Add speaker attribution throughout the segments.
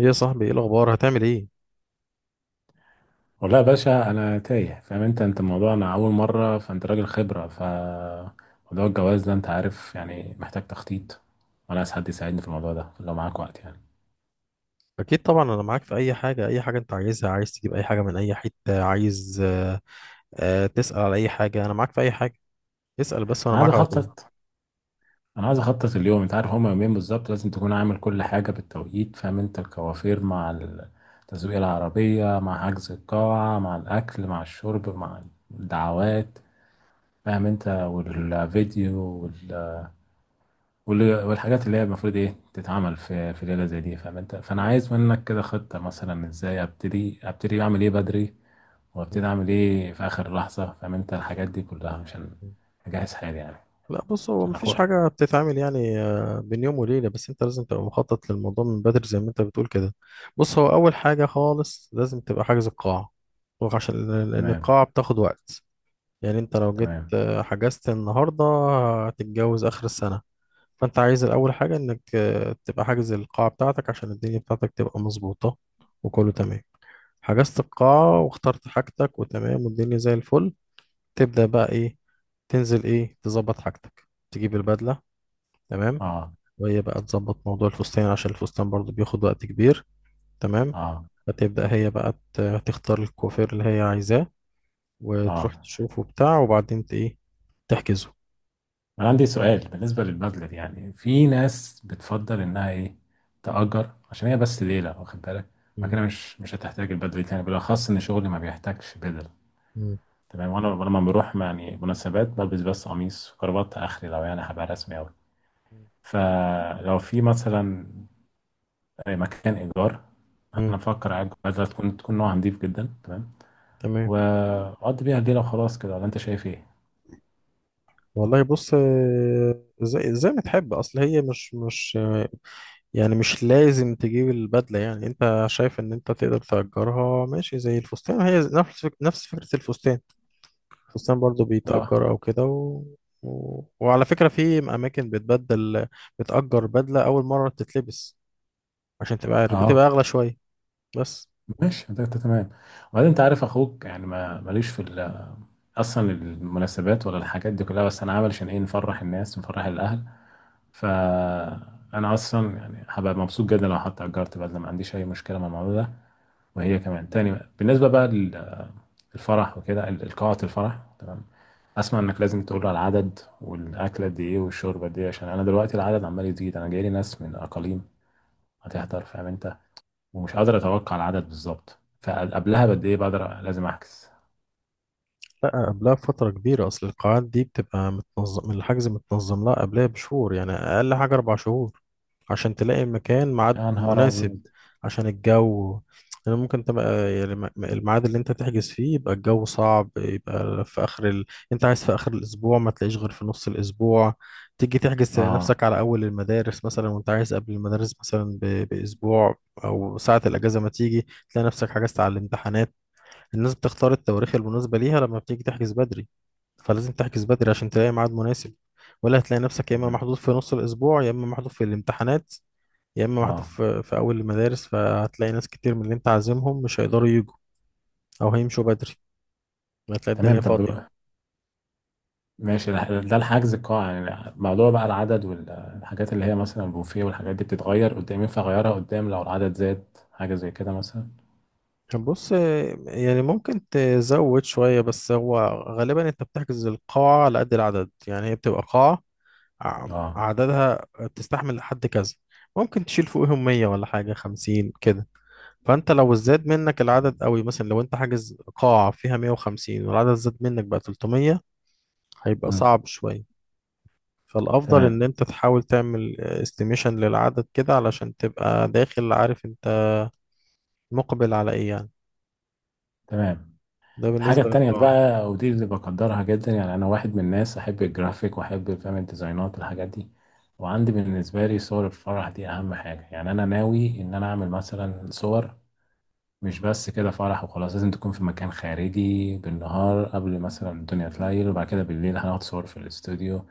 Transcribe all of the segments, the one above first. Speaker 1: ايه يا صاحبي، ايه الاخبار؟ هتعمل ايه؟
Speaker 2: والله يا باشا، انا تايه. فاهم انت الموضوع؟ انا اول مره. فانت راجل خبره موضوع الجواز ده. انت عارف يعني، محتاج تخطيط. وانا عايز حد يساعدني في الموضوع ده لو معاك وقت يعني.
Speaker 1: اكيد طبعا، انا معاك في اي حاجه، اي حاجه انت عايزها، عايز تجيب اي حاجه من اي حته عايز تسال على اي حاجه، انا معاك في اي حاجه، اسال بس وانا
Speaker 2: انا عايز
Speaker 1: معاك على طول.
Speaker 2: اخطط انا عايز اخطط اليوم. انت عارف هما يومين بالظبط، لازم تكون عامل كل حاجه بالتوقيت. فاهم انت؟ الكوافير مع تزويق العربيه، مع حجز القاعه، مع الاكل، مع الشرب، مع الدعوات. فاهم انت؟ والفيديو والحاجات اللي هي المفروض ايه تتعمل في ليله زي دي. فاهم انت؟ فانا عايز منك كده خطه، مثلا ازاي ابتدي اعمل ايه بدري، وابتدي
Speaker 1: مم.
Speaker 2: اعمل ايه في اخر لحظه. فاهم انت؟ الحاجات دي كلها عشان
Speaker 1: مم.
Speaker 2: اجهز حالي يعني.
Speaker 1: لا بص، هو
Speaker 2: عشان اخو
Speaker 1: مفيش حاجه بتتعمل يعني بين يوم وليله، بس انت لازم تبقى مخطط للموضوع من بدري زي ما انت بتقول كده. بص، هو اول حاجه خالص لازم تبقى حاجز القاعه، وعشان لان
Speaker 2: تمام،
Speaker 1: القاعه بتاخد وقت، يعني انت لو جيت
Speaker 2: تمام،
Speaker 1: حجزت النهارده هتتجوز اخر السنه. فانت عايز الاول حاجه انك تبقى حاجز القاعه بتاعتك عشان الدنيا بتاعتك تبقى مظبوطه وكله تمام. حجزت القاعه واخترت حاجتك وتمام والدنيا زي الفل، تبدا بقى ايه؟ تنزل ايه؟ تظبط حاجتك، تجيب البدله، تمام.
Speaker 2: اه،
Speaker 1: وهي بقى تظبط موضوع الفستان عشان الفستان برضو بياخد وقت كبير، تمام.
Speaker 2: اه،
Speaker 1: فتبدا هي بقى ت- تختار الكوافير اللي هي عايزاه وتروح
Speaker 2: اه.
Speaker 1: تشوفه بتاع، وبعدين ايه، تحجزه.
Speaker 2: انا عندي سؤال بالنسبه للبدله دي. يعني في ناس بتفضل انها ايه، تأجر. عشان هي بس ليله، واخد بالك؟ ما
Speaker 1: مم.
Speaker 2: كده مش هتحتاج البدله دي تاني، بالاخص ان شغلي ما بيحتاجش بدل.
Speaker 1: مم.
Speaker 2: تمام. وانا لما بروح يعني مناسبات، بلبس بس قميص وكرافات اخري لو يعني هبقى رسمي اوي. فلو في مثلا مكان ايجار،
Speaker 1: مم.
Speaker 2: انا بفكر اجر بدله تكون نوعها نضيف جدا. تمام.
Speaker 1: تمام.
Speaker 2: واقضي بيها الليله وخلاص كده. ولا انت شايف ايه؟
Speaker 1: والله بص، زي ما تحب، اصل هي مش يعني مش لازم تجيب البدله، يعني انت شايف ان انت تقدر تأجرها، ماشي زي الفستان، هي نفس فكره الفستان، الفستان برضو
Speaker 2: لا،
Speaker 1: بيتأجر او كده وعلى فكره في اماكن بتبدل، بتأجر بدله اول مره بتتلبس عشان تبقى عارف
Speaker 2: اه،
Speaker 1: بتبقى اغلى شويه بس.
Speaker 2: ماشي. ده تمام. وبعدين انت عارف اخوك يعني، ما ماليش في اصلا المناسبات ولا الحاجات دي كلها. بس انا عامل عشان ايه، نفرح الناس، نفرح الاهل. ف انا اصلا يعني هبقى مبسوط جدا لو حتى اجرت بدله. ما عنديش اي مشكله مع الموضوع ده، وهي كمان تاني. بالنسبة بقى للفرح وكده، القاعة الفرح تمام. أسمع إنك لازم تقول على العدد، والأكلة دي إيه، والشوربة دي إيه، عشان أنا دلوقتي العدد عمال يزيد. أنا جايلي ناس من أقاليم هتحضر، فاهم أنت؟ ومش قادر أتوقع العدد بالظبط. فقبلها بقد إيه بقدر لازم أحجز؟
Speaker 1: لا قبلها بفترة كبيرة، أصل القاعات دي بتبقى متنظم الحجز، متنظم لها قبلها بشهور، يعني أقل حاجة 4 شهور عشان تلاقي مكان ميعاد
Speaker 2: يا نهار
Speaker 1: مناسب.
Speaker 2: أبيض.
Speaker 1: عشان الجو، يعني ممكن تبقى يعني الميعاد اللي أنت تحجز فيه يبقى الجو صعب يبقى في آخر ال... أنت عايز في آخر الأسبوع ما تلاقيش غير في نص الأسبوع، تيجي تحجز تلاقي
Speaker 2: آه،
Speaker 1: نفسك على أول المدارس مثلا، وأنت عايز قبل المدارس مثلا بأسبوع، أو ساعة الأجازة ما تيجي تلاقي نفسك حجزت على الامتحانات. الناس بتختار التواريخ المناسبة ليها لما بتيجي تحجز بدري، فلازم تحجز بدري عشان تلاقي ميعاد مناسب، ولا هتلاقي نفسك يا إما
Speaker 2: تمام.
Speaker 1: محظوظ في نص الأسبوع، يا إما محظوظ في الامتحانات، يا إما محظوظ
Speaker 2: آه،
Speaker 1: في أول المدارس، فهتلاقي ناس كتير من اللي أنت عازمهم مش هيقدروا يجوا أو هيمشوا بدري، هتلاقي الدنيا
Speaker 2: تمام. طب
Speaker 1: فاضية.
Speaker 2: ماشي. ده الحجز القاعة يعني. موضوع بقى العدد والحاجات اللي هي مثلا البوفيه والحاجات دي بتتغير قدام. ينفع أغيرها قدام لو العدد زاد، حاجة زي كده مثلا؟
Speaker 1: بص، يعني ممكن تزود شوية، بس هو غالبا أنت بتحجز القاعة على قد العدد، يعني هي بتبقى قاعة ع-
Speaker 2: اه.
Speaker 1: عددها تستحمل لحد كذا، ممكن تشيل فوقهم 100 ولا حاجة 50 كده. فانت لو زاد منك العدد قوي، مثلا لو انت حاجز قاعة فيها 150 والعدد زاد منك بقى 300، هيبقى
Speaker 2: مم.
Speaker 1: صعب شوية. فالافضل
Speaker 2: تمام،
Speaker 1: ان انت تحاول تعمل استيميشن للعدد كده علشان تبقى داخل عارف انت مقبل على ايه يعني.
Speaker 2: تمام.
Speaker 1: ده
Speaker 2: الحاجة
Speaker 1: بالنسبة
Speaker 2: التانية
Speaker 1: للقاعة.
Speaker 2: بقى ودي اللي بقدرها جدا. يعني أنا واحد من الناس أحب الجرافيك وأحب فاهم الديزاينات، الحاجات دي. وعندي بالنسبة لي صور الفرح دي أهم حاجة. يعني أنا ناوي إن أنا أعمل مثلا صور مش بس كده فرح وخلاص. لازم تكون في مكان خارجي بالنهار قبل مثلا الدنيا تليل، وبعد كده بالليل هناخد صور في الاستوديو.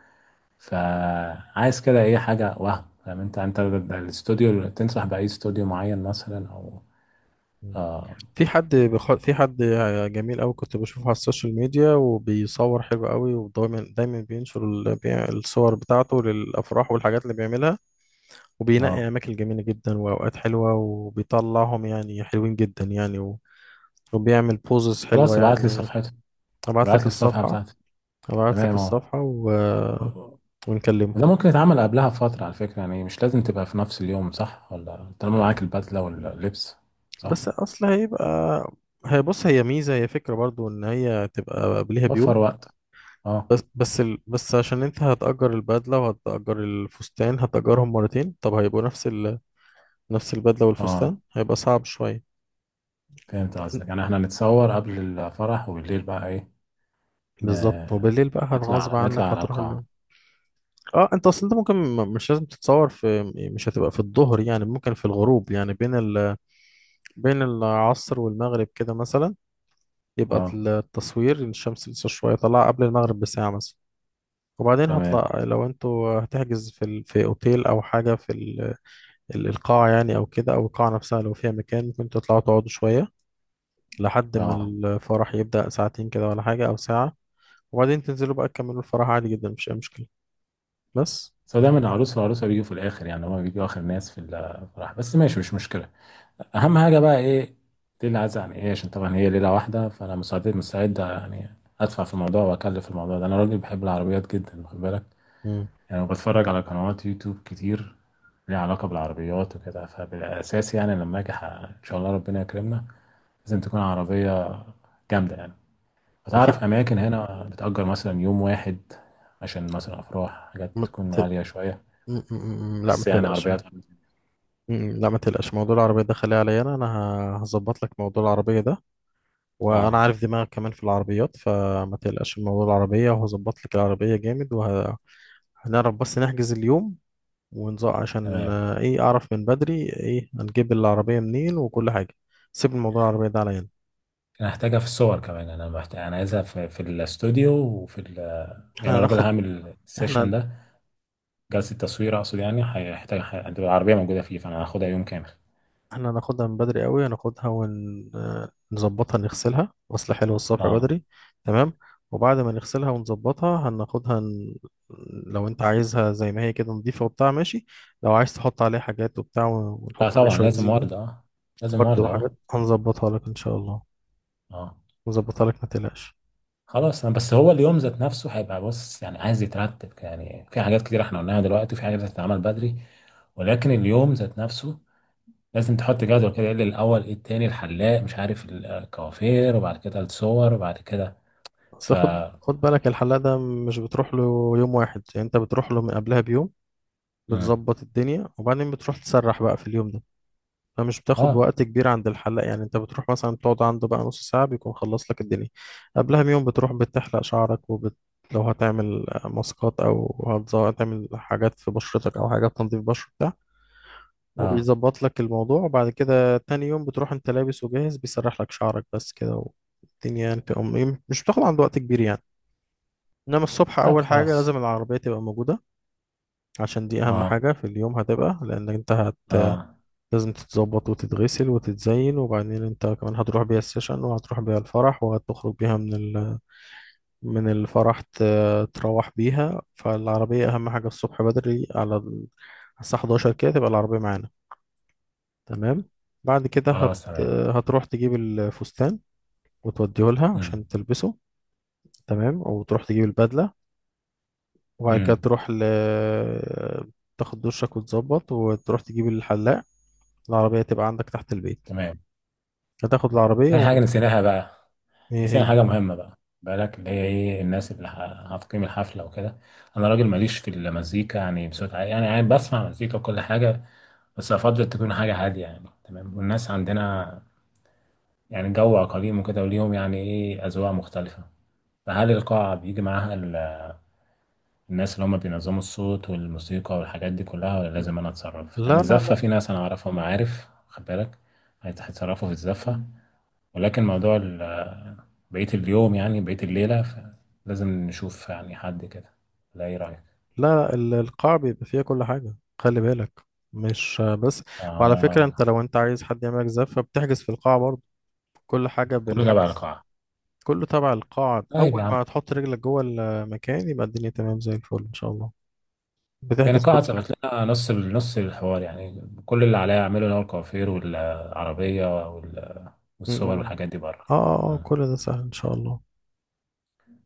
Speaker 2: فعايز كده أي حاجة، وهم فاهم أنت ده الاستوديو. تنصح بأي استوديو معين مثلا أو؟
Speaker 1: مم.
Speaker 2: آه،
Speaker 1: في حد جميل قوي كنت بشوفه على السوشيال ميديا وبيصور حلو قوي، ودايما دايما بينشر الصور بتاعته للافراح والحاجات اللي بيعملها، وبينقي
Speaker 2: آه.
Speaker 1: أماكن جميلة جدا وأوقات حلوة وبيطلعهم يعني حلوين جدا يعني وبيعمل بوزز حلوة
Speaker 2: خلاص،
Speaker 1: يعني. أبعت
Speaker 2: ابعت
Speaker 1: لك
Speaker 2: لي الصفحة
Speaker 1: الصفحة.
Speaker 2: بتاعته.
Speaker 1: أبعت لك
Speaker 2: تمام اهو.
Speaker 1: الصفحة
Speaker 2: آه.
Speaker 1: ونكلمه.
Speaker 2: ده ممكن يتعمل قبلها بفترة على فكرة، يعني مش لازم تبقى في نفس اليوم، صح؟ ولا طالما معاك البدلة واللبس، صح؟
Speaker 1: بس أصل هيبقى هي بص، هي ميزة، هي فكرة برضو إن هي تبقى قبلها بيوم،
Speaker 2: توفر وقت. اه،
Speaker 1: بس عشان أنت هتأجر البدلة وهتأجر الفستان هتأجرهم مرتين، طب هيبقوا نفس البدلة
Speaker 2: اه.
Speaker 1: والفستان، هيبقى صعب شوية.
Speaker 2: فهمت قصدك. يعني احنا نتصور قبل الفرح، وبالليل بقى ايه،
Speaker 1: بالظبط،
Speaker 2: ن-
Speaker 1: وبالليل بقى
Speaker 2: نطلع
Speaker 1: هتغصب
Speaker 2: على نطلع
Speaker 1: عنك
Speaker 2: على
Speaker 1: هتروح له.
Speaker 2: القاعة.
Speaker 1: اه، انت اصل انت ممكن مش لازم تتصور في، مش هتبقى في الظهر يعني، ممكن في الغروب يعني بين العصر والمغرب كده مثلا، يبقى
Speaker 2: اه،
Speaker 1: التصوير الشمس لسه شوية طالعة قبل المغرب بساعة مثلا. وبعدين
Speaker 2: تمام،
Speaker 1: هطلع لو انتوا هتحجز في في اوتيل او حاجة في القاعة يعني او كده، او القاعة نفسها لو فيها مكان ممكن تطلعوا تقعدوا شوية لحد ما
Speaker 2: اه.
Speaker 1: الفرح يبدأ، ساعتين كده ولا حاجة او ساعة، وبعدين تنزلوا بقى تكملوا الفرح عادي جدا، مفيش اي مشكلة بس.
Speaker 2: بس هو دايما العروس والعروسة بيجوا في الآخر. يعني هما بيجوا آخر ناس في الفرح، بس ماشي، مش مشكلة. اهم حاجه بقى ايه، ليله عايزه يعني ايه. عشان طبعا هي ليله واحده، فانا مستعد يعني ادفع في الموضوع واكلف في الموضوع ده. انا راجل بحب العربيات جدا، واخد بالك؟
Speaker 1: مم.
Speaker 2: يعني بتفرج على قنوات يوتيوب كتير ليها علاقه بالعربيات وكده. فبالاساس يعني لما اجي ان شاء الله ربنا يكرمنا، لازم تكون عربيه جامده يعني. فتعرف اماكن هنا بتأجر مثلا يوم واحد، عشان مثلا افراح، حاجات تكون
Speaker 1: في
Speaker 2: غاليه شويه
Speaker 1: م- م- م- لا، ما
Speaker 2: بس، يعني
Speaker 1: تقلقش.
Speaker 2: عربيات.
Speaker 1: لا، ما تقلقش، موضوع العربية ده خليه عليا، أنا هظبط لك موضوع العربية ده، وأنا
Speaker 2: اه،
Speaker 1: عارف دماغك كمان في العربيات، فما تقلقش من موضوع العربية، وهظبط لك العربية جامد، وهنعرف بس نحجز اليوم ونزق عشان
Speaker 2: تمام.
Speaker 1: إيه، أعرف من بدري إيه هنجيب العربية منين وكل حاجة. سيب الموضوع العربية ده عليا أنا.
Speaker 2: انا هحتاجها في الصور كمان. انا محتاج، انا عايزها في الاستوديو
Speaker 1: إحنا
Speaker 2: يعني الراجل اللي
Speaker 1: هناخد
Speaker 2: هعمل السيشن
Speaker 1: إحنا
Speaker 2: ده، جلسه تصوير اقصد، يعني هيحتاج هتبقى العربيه موجوده فيه. فانا هاخدها يوم كامل.
Speaker 1: احنا هناخدها من بدري قوي، هناخدها ونظبطها، نغسلها غسل حلو الصبح
Speaker 2: اه،
Speaker 1: بدري، تمام. وبعد ما نغسلها ونظبطها هناخدها لو انت عايزها زي ما هي كده نضيفة وبتاع، ماشي. لو عايز تحط عليها حاجات وبتاع،
Speaker 2: لا
Speaker 1: ونحط عليه
Speaker 2: طبعا
Speaker 1: شوية
Speaker 2: لازم
Speaker 1: زينة،
Speaker 2: ورد، اه لازم
Speaker 1: ورد
Speaker 2: ورد، اه،
Speaker 1: وحاجات هنظبطها لك ان شاء الله،
Speaker 2: اه.
Speaker 1: نظبطها لك، ما تقلقش.
Speaker 2: خلاص. انا بس هو اليوم ذات نفسه هيبقى، بص، يعني عايز يترتب. يعني في حاجات كتير احنا قلناها دلوقتي، وفي حاجات هتتعمل بدري، ولكن اليوم ذات نفسه لازم تحط جدول كده. ايه اللي الاول، ايه التاني، الحلاق، مش عارف، الكوافير، وبعد كده الصور، وبعد كده
Speaker 1: بس
Speaker 2: ف
Speaker 1: خد بالك، الحلاق ده مش بتروح له يوم واحد، يعني انت بتروح له من قبلها بيوم،
Speaker 2: مم.
Speaker 1: بتظبط الدنيا، وبعدين بتروح تسرح بقى في اليوم ده، فمش بتاخد
Speaker 2: اه،
Speaker 1: وقت كبير عند الحلاق. يعني انت بتروح مثلا تقعد عنده بقى نص ساعة بيكون خلص لك الدنيا. قبلها بيوم بتروح بتحلق شعرك لو هتعمل ماسكات او هتعمل حاجات في بشرتك او حاجات تنظيف بشرة بتاع،
Speaker 2: اه،
Speaker 1: وبيظبط لك الموضوع، وبعد كده تاني يوم بتروح انت لابس وجاهز، بيسرح لك شعرك بس كده. والدنيا يعني مش بتاخد عنده وقت كبير يعني، انما الصبح
Speaker 2: طب
Speaker 1: اول حاجة
Speaker 2: خلاص،
Speaker 1: لازم العربية تبقى موجودة، عشان دي اهم
Speaker 2: اه،
Speaker 1: حاجة في اليوم هتبقى، لان انت
Speaker 2: اه،
Speaker 1: لازم تتظبط وتتغسل وتتزين، وبعدين انت كمان هتروح بيها السيشن وهتروح بيها الفرح وهتخرج بيها من الفرح، تروح بيها، فالعربية أهم حاجة الصبح بدري الساعة 11 كده تبقى العربية معانا، تمام. بعد كده
Speaker 2: خلاص تمام.
Speaker 1: هتروح تجيب الفستان وتوديه لها
Speaker 2: امم
Speaker 1: عشان تلبسه، تمام. وتروح تجيب البدلة، وبعد كده
Speaker 2: امم
Speaker 1: تروح تاخد دشك وتظبط وتروح تجيب الحلاق، العربية تبقى عندك تحت البيت،
Speaker 2: تمام.
Speaker 1: هتاخد العربية
Speaker 2: في حاجة نسيناها بقى.
Speaker 1: ايه
Speaker 2: نسينا
Speaker 1: هي؟
Speaker 2: حاجة مهمة، بقى بالك؟ اللي هي ايه، الناس اللي هتقيم الحفلة وكده. انا راجل ماليش في المزيكا يعني بصوت عالي. يعني عادي بسمع مزيكا وكل حاجة، بس افضل تكون حاجة هادية يعني. تمام. والناس عندنا يعني جو عقليم وكده، وليهم يعني ايه، اذواق مختلفة. فهل القاعة بيجي معاها الناس اللي هم بينظموا الصوت والموسيقى والحاجات دي كلها؟ ولا لازم انا اتصرف؟
Speaker 1: لا،
Speaker 2: يعني الزفه
Speaker 1: لا،
Speaker 2: في ناس انا اعرفهم، عارف، خد بالك، هيتصرفوا في الزفه. ولكن موضوع بقيه اليوم، يعني بقيه الليله، لازم نشوف يعني حد كده. لا، ايه رايك؟
Speaker 1: لا، لا، القاع بيبقى فيها كل حاجة، خلي بالك، مش بس. وعلى فكرة، انت
Speaker 2: آه،
Speaker 1: لو انت عايز حد يعملك زفة بتحجز في القاعة برضه، كل حاجة
Speaker 2: كله تبع
Speaker 1: بالحجز،
Speaker 2: القاعه.
Speaker 1: كله تبع القاعة،
Speaker 2: طيب
Speaker 1: أول
Speaker 2: يا عم.
Speaker 1: ما تحط رجلك جوه المكان يبقى الدنيا تمام زي الفل إن شاء الله،
Speaker 2: يعني
Speaker 1: بتحجز
Speaker 2: القاعه
Speaker 1: كل حاجة.
Speaker 2: ظبط لنا نص الحوار. يعني كل اللي عليا اعمله اللي هو الكوافير والعربيه والصور
Speaker 1: م.
Speaker 2: والحاجات دي بره.
Speaker 1: اه اه،
Speaker 2: آه.
Speaker 1: كل ده سهل إن شاء الله.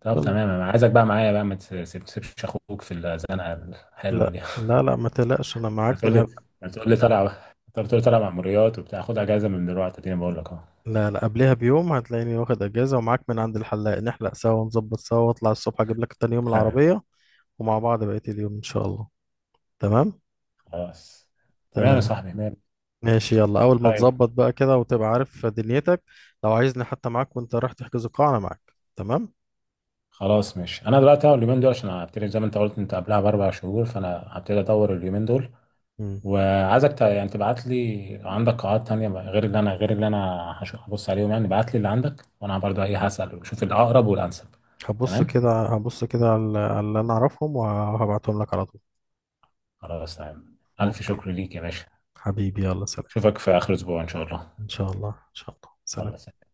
Speaker 2: طب
Speaker 1: يلا،
Speaker 2: تمام. انا عايزك بقى معايا، بقى ما تسيبش اخوك في الزنقه الحلوه
Speaker 1: لا،
Speaker 2: دي.
Speaker 1: لا، لا، ما تقلقش أنا معاك
Speaker 2: هتقول لي هتقول لي طالع، طب تقول لي طالع مأموريات وبتاع. خد اجازه من دلوقتي، اديني، بقول لك اهو.
Speaker 1: لا، لا، قبلها بيوم هتلاقيني واخد أجازة ومعاك من عند الحلاق، نحلق سوا ونظبط سوا، واطلع الصبح أجيب لك تاني يوم العربية، ومع بعض بقية اليوم إن شاء الله، تمام.
Speaker 2: خلاص تمام يا
Speaker 1: تمام
Speaker 2: صاحبي مال.
Speaker 1: ماشي، يلا، أول ما
Speaker 2: طيب،
Speaker 1: تظبط بقى كده وتبقى عارف دنيتك، لو عايزني حتى معاك وأنت رايح تحجز القاعة أنا معاك، تمام.
Speaker 2: خلاص ماشي. انا دلوقتي اهو اليومين دول عشان هبتدي زي ما انت قلت انت قبلها ب4 شهور، فانا هبتدي ادور اليومين دول.
Speaker 1: مم.
Speaker 2: وعايزك يعني تبعت لي عندك قاعات تانية بقى، غير اللي انا، هبص عليهم يعني. ابعت لي اللي عندك وانا برضه ايه هسأل واشوف الاقرب والانسب.
Speaker 1: هبص
Speaker 2: تمام.
Speaker 1: كده هبص كده على اللي أنا أعرفهم وهبعتهم لك على طول.
Speaker 2: خلاص تمام. ألف
Speaker 1: أوكي،
Speaker 2: شكر ليك يا باشا.
Speaker 1: حبيبي، يلا سلام.
Speaker 2: أشوفك في آخر أسبوع إن شاء الله.
Speaker 1: إن شاء الله، إن شاء الله،
Speaker 2: الله
Speaker 1: سلام.
Speaker 2: يسلمك.